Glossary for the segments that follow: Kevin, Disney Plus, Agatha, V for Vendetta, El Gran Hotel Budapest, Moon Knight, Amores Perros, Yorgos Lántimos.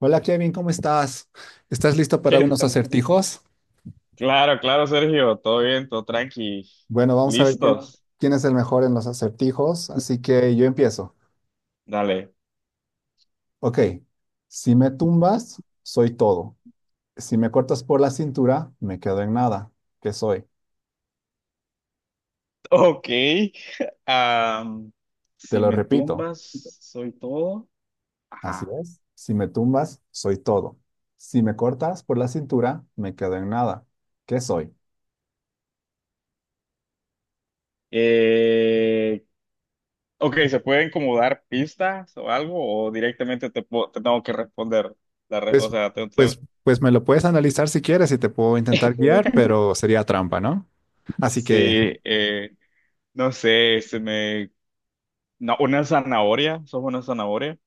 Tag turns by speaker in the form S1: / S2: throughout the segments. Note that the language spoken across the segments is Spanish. S1: Hola Kevin, ¿cómo estás? ¿Estás listo para
S2: ¿Qué
S1: unos
S2: tal?
S1: acertijos?
S2: Claro, claro, Sergio, todo bien, todo tranqui.
S1: Bueno, vamos a ver quién,
S2: ¿Listos?
S1: quién es el mejor en los acertijos, así que yo empiezo.
S2: Dale.
S1: Ok, si me tumbas, soy todo. Si me cortas por la cintura, me quedo en nada. ¿Qué soy?
S2: Ok. am,
S1: Te
S2: si
S1: lo
S2: me
S1: repito.
S2: tumbas, soy todo.
S1: Así
S2: Ajá.
S1: es. Si me tumbas, soy todo. Si me cortas por la cintura, me quedo en nada. ¿Qué soy?
S2: Eh, ok, ¿se pueden como dar pistas o algo? ¿O directamente te tengo que responder? O
S1: Pues,
S2: sea,
S1: pues, me lo puedes analizar si quieres y te puedo intentar guiar, pero sería trampa, ¿no? Así
S2: sí,
S1: que.
S2: no sé, no, una zanahoria, sos una zanahoria.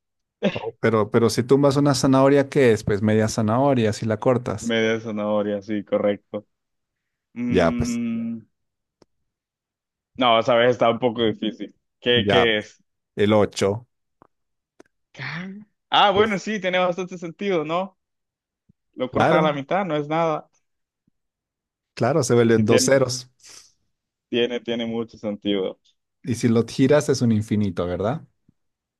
S1: Oh, pero si tumbas una zanahoria, ¿qué es? Pues media zanahoria, si la cortas.
S2: Media zanahoria, sí, correcto.
S1: Ya, pues,
S2: Mm, No, esa vez está un poco difícil. ¿Qué,
S1: ya,
S2: qué
S1: pues,
S2: es?
S1: el ocho.
S2: Ca- Ah, bueno,
S1: Pues,
S2: sí, tiene bastante sentido, ¿no? Lo cortas a la
S1: claro,
S2: mitad, no es nada.
S1: claro, se
S2: Sí,
S1: vuelven dos ceros.
S2: tiene mucho sentido.
S1: Y si lo giras es un infinito, ¿verdad?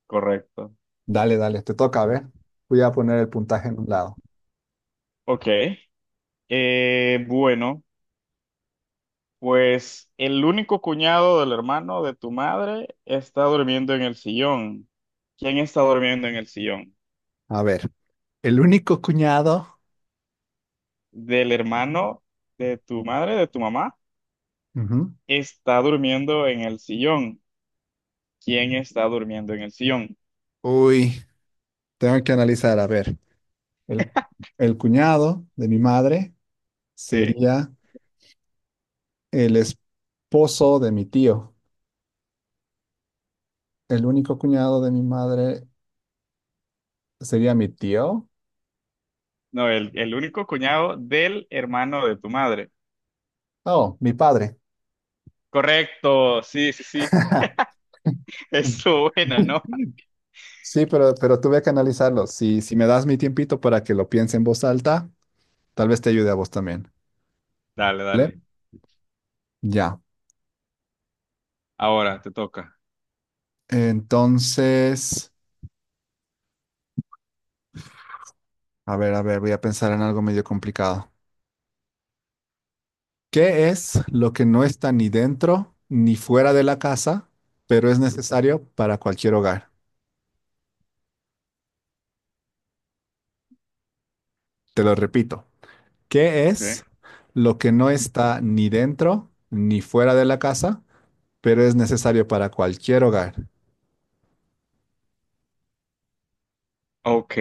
S2: Correcto.
S1: Dale, dale, te toca, a ver. Voy a poner el puntaje en un lado.
S2: Ok. Bueno, pues el único cuñado del hermano de tu madre está durmiendo en el sillón. ¿Quién está durmiendo en el sillón?
S1: A ver, el único cuñado.
S2: ¿Del hermano de tu madre, de tu mamá?
S1: Ujú.
S2: Está durmiendo en el sillón. ¿Quién está durmiendo en el sillón?
S1: Uy, tengo que analizar, a ver. El, el cuñado de mi madre
S2: Sí.
S1: sería el esposo de mi tío. El único cuñado de mi madre, ¿sería mi tío?
S2: No, el único cuñado del hermano de tu madre.
S1: Oh, mi padre.
S2: Correcto, sí, sí, sí. Eso, buena, ¿no?
S1: Sí, pero tuve que analizarlo. Si me das mi tiempito para que lo piense en voz alta, tal vez te ayude a vos también.
S2: Dale,
S1: ¿Vale?
S2: dale.
S1: Ya.
S2: Ahora te toca.
S1: Entonces, a ver, voy a pensar en algo medio complicado. ¿Qué es lo que no está ni dentro ni fuera de la casa, pero es necesario para cualquier hogar? Te lo repito. ¿Qué
S2: ¿Qué?
S1: es lo que no está ni dentro ni fuera de la casa, pero es necesario para cualquier hogar?
S2: Ok.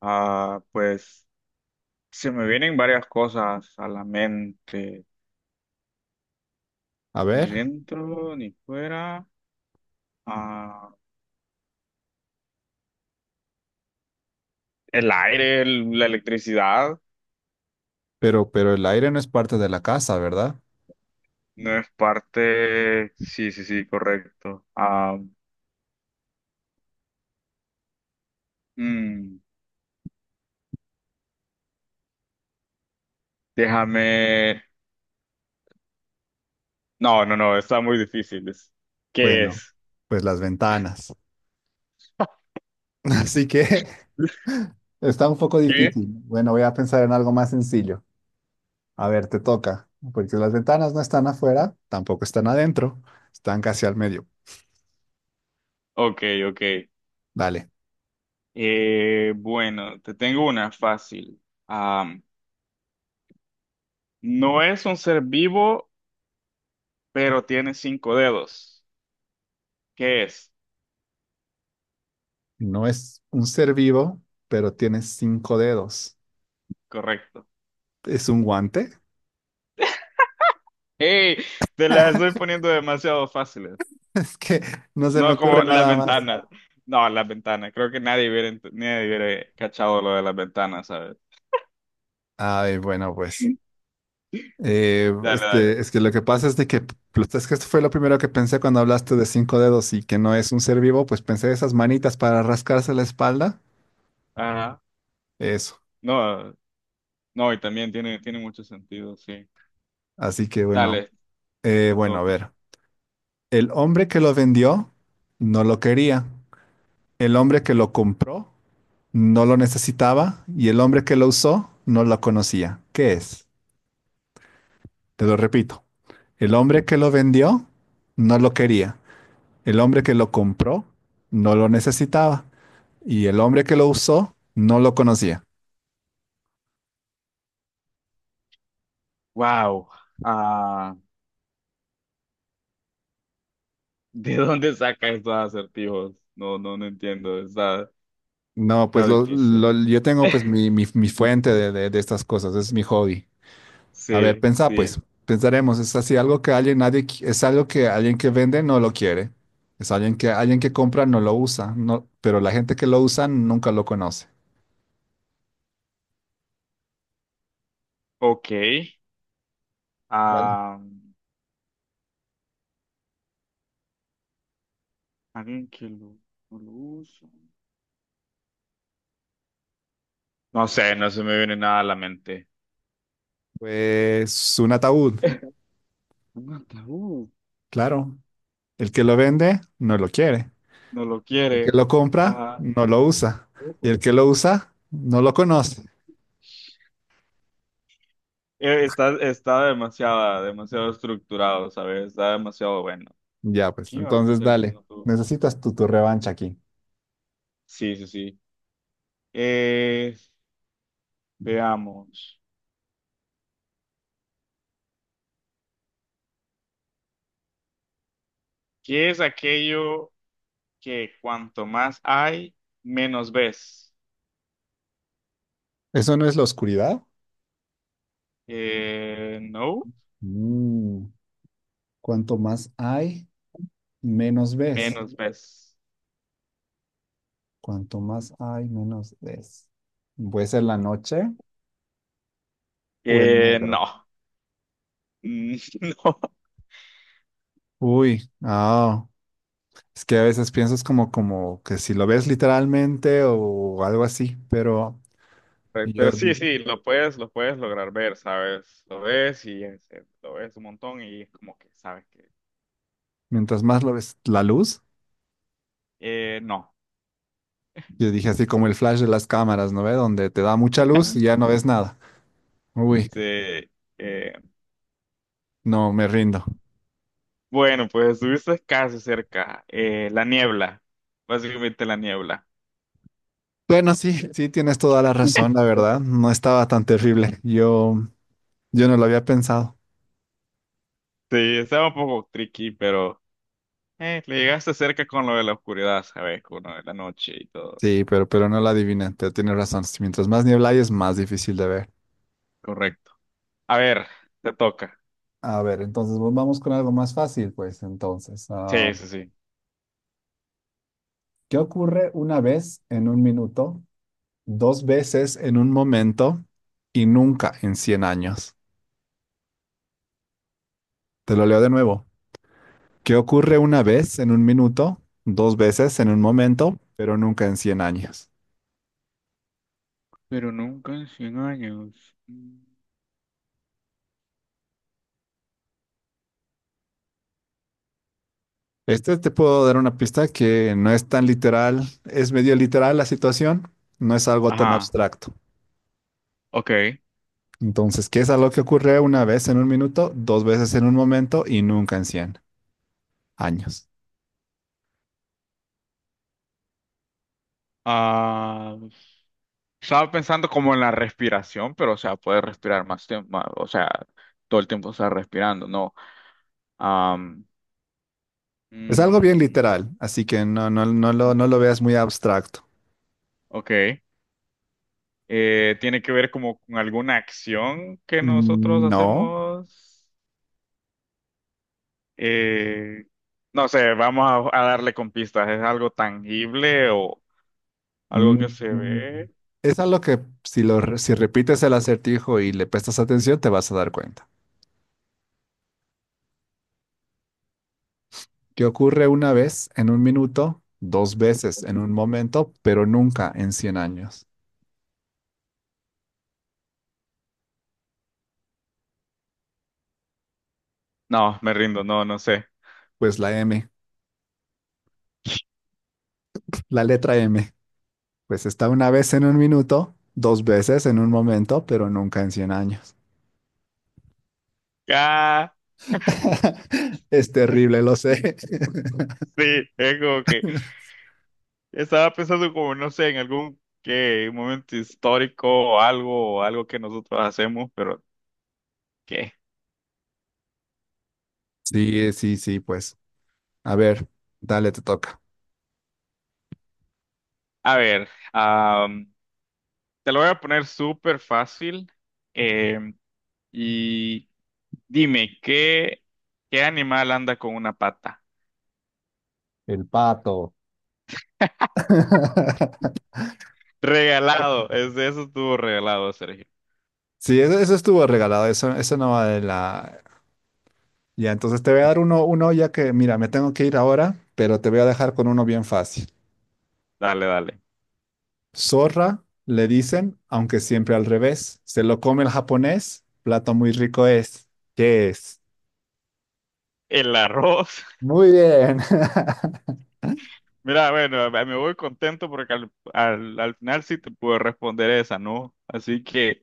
S2: Ah, pues se me vienen varias cosas a la mente.
S1: A
S2: Ni
S1: ver,
S2: dentro, ni fuera. Ah, la electricidad.
S1: pero el aire no es parte de la casa, ¿verdad?
S2: No es parte. Sí, sí, sí, correcto. Ah, mm, déjame. No, no, no, está muy difícil. ¿Qué
S1: Bueno,
S2: es?
S1: pues las ventanas. Así que está un poco
S2: ¿Qué?
S1: difícil. Bueno, voy a pensar en algo más sencillo. A ver, te toca, porque las ventanas no están afuera, tampoco están adentro, están casi al medio.
S2: Ok, ok.
S1: Dale,
S2: Bueno, te tengo una fácil. Am, no es un ser vivo, pero tiene cinco dedos. ¿Qué es?
S1: no es un ser vivo, pero tiene cinco dedos.
S2: Correcto.
S1: ¿Es un guante?
S2: ¡Ey! Te las estoy poniendo demasiado fáciles.
S1: Es que no se me
S2: No como
S1: ocurre
S2: las
S1: nada más.
S2: ventanas. No, las ventanas. Creo que nadie hubiera, nadie hubiera cachado lo de las ventanas, ¿sabes?
S1: Ay, bueno, pues. Eh,
S2: Dale,
S1: es que,
S2: dale.
S1: es que lo que pasa es de que, pues, es que esto fue lo primero que pensé cuando hablaste de cinco dedos y que no es un ser vivo, pues pensé esas manitas para rascarse la espalda,
S2: Ajá.
S1: eso.
S2: No, no, y también tiene, tiene mucho sentido, sí.
S1: Así que bueno.
S2: Dale, te
S1: Bueno, a
S2: toca.
S1: ver, el hombre que lo vendió no lo quería, el hombre que lo compró no lo necesitaba y el hombre que lo usó no lo conocía. ¿Qué es? Te lo repito, el hombre que lo vendió no lo quería, el hombre que lo compró no lo necesitaba, y el hombre que lo usó no lo conocía.
S2: Wow. ¿De dónde saca estos acertijos? No, no, no entiendo. Está,
S1: No, pues
S2: está difícil.
S1: yo tengo pues mi fuente de estas cosas, es mi hobby. A ver,
S2: Sí,
S1: pensá
S2: sí.
S1: pues, pensaremos, es así algo que alguien, nadie, es algo que alguien que vende no lo quiere, es alguien que compra no lo usa, no, pero la gente que lo usa nunca lo conoce.
S2: Ok.
S1: Vale.
S2: Ah, alguien que lo, no lo usa. No sé, no se me viene nada a la mente.
S1: Pues un ataúd,
S2: Un ataúd.
S1: claro. El que lo vende no lo quiere,
S2: No lo
S1: el que
S2: quiere.
S1: lo compra
S2: Ajá.
S1: no lo usa y
S2: Ojo.
S1: el que lo usa no lo conoce.
S2: Está, demasiado estructurado, ¿sabes? Está demasiado bueno.
S1: Ya, pues,
S2: ¿Qué iba a
S1: entonces
S2: pasar con un
S1: dale.
S2: ataúd?
S1: Necesitas tu revancha aquí.
S2: Sí, sí, sí. Eh, Veamos. ¿Qué es aquello que cuanto más hay, menos ves?
S1: ¿Eso no es la oscuridad?
S2: No,
S1: Mm, Cuanto más hay, menos ves.
S2: menos ves.
S1: Cuanto más hay, menos ves. ¿Puede ser la noche o el
S2: No,
S1: negro?
S2: no.
S1: Uy, ah, es que a veces piensas como que si lo ves literalmente o algo así, pero
S2: Pero
S1: yo
S2: sí,
S1: di-
S2: sí, lo puedes lograr ver, ¿sabes? Lo ves y lo ves un montón y es como que sabes que
S1: mientras más lo ves, la luz,
S2: no.
S1: yo dije así como el flash de las cámaras, ¿no ve? Donde te da mucha luz y ya no ves nada. Uy,
S2: Sí, eh,
S1: no, me rindo.
S2: bueno, pues estuviste casi cerca. La niebla, básicamente la niebla.
S1: Bueno, sí, sí, tienes toda la razón, la verdad. No estaba tan terrible. Yo no lo había pensado.
S2: Sí, estaba un poco tricky, pero eh, le llegaste cerca con lo de la oscuridad, ¿sabes? Con lo de la noche y todo.
S1: Sí, pero no lo adiviné. Tienes razón. Sí, mientras más niebla hay, es más difícil de ver.
S2: Correcto. A ver, te toca.
S1: A ver, entonces pues, vamos con algo más fácil, pues entonces.
S2: Sí, sí, sí.
S1: ¿Qué ocurre una vez en un minuto, dos veces en un momento y nunca en 100 años? Te lo leo de nuevo. ¿Qué ocurre una vez en un minuto, dos veces en un momento, pero nunca en 100 años?
S2: Pero nunca en cien años. Mm.
S1: Este te puedo dar una pista que no es tan literal, es medio literal la situación, no es algo tan
S2: Ajá,
S1: abstracto.
S2: ok.
S1: Entonces, ¿qué es algo que ocurre una vez en un minuto, dos veces en un momento y nunca en cien años?
S2: Ah, estaba pensando como en la respiración, pero o sea, puedes respirar más tiempo, o sea, todo el tiempo estás respirando, ¿no? Am,
S1: Es algo bien
S2: mm,
S1: literal, así que no, no, no lo veas muy abstracto.
S2: ok. Tiene que ver como con alguna acción que nosotros
S1: Mm, no.
S2: hacemos. Eh, no sé, vamos a darle con pistas. ¿Es algo tangible o algo que
S1: Mm,
S2: se ve?
S1: Es algo que si repites el acertijo y le prestas atención, te vas a dar cuenta que ocurre una vez en un minuto, dos veces en un momento, pero nunca en cien años.
S2: No, me rindo, no, no sé.
S1: Pues la M, la letra M, pues está una vez en un minuto, dos veces en un momento, pero nunca en cien años.
S2: Ah,
S1: Es terrible, lo sé.
S2: sí, es como que estaba pensando como, no sé, en algún que momento histórico o algo que nosotros hacemos, pero ¿qué?
S1: Sí, sí, sí, pues. A ver, dale, te toca.
S2: A ver, te lo voy a poner súper fácil. em, y dime, ¿qué, qué animal anda con una pata?
S1: El pato.
S2: Regalado, eso estuvo regalado, Sergio.
S1: Sí, eso estuvo regalado, eso no va de la. Ya, entonces te voy a dar uno, uno ya que, mira, me tengo que ir ahora, pero te voy a dejar con uno bien fácil.
S2: Dale, dale.
S1: Zorra, le dicen, aunque siempre al revés. Se lo come el japonés, plato muy rico es. ¿Qué es?
S2: El arroz.
S1: Muy bien.
S2: Mira, bueno, me voy contento porque al final sí te pude responder esa, ¿no? Así que,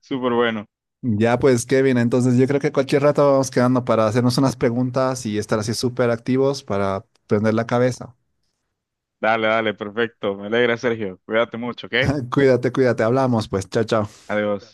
S2: súper bueno.
S1: Ya pues, Kevin, entonces yo creo que cualquier rato vamos quedando para hacernos unas preguntas y estar así súper activos para prender la cabeza.
S2: Dale, dale, perfecto. Me alegra, Sergio. Cuídate mucho, ¿ok?
S1: Cuídate, cuídate, hablamos, pues, chao, chao.
S2: Adiós.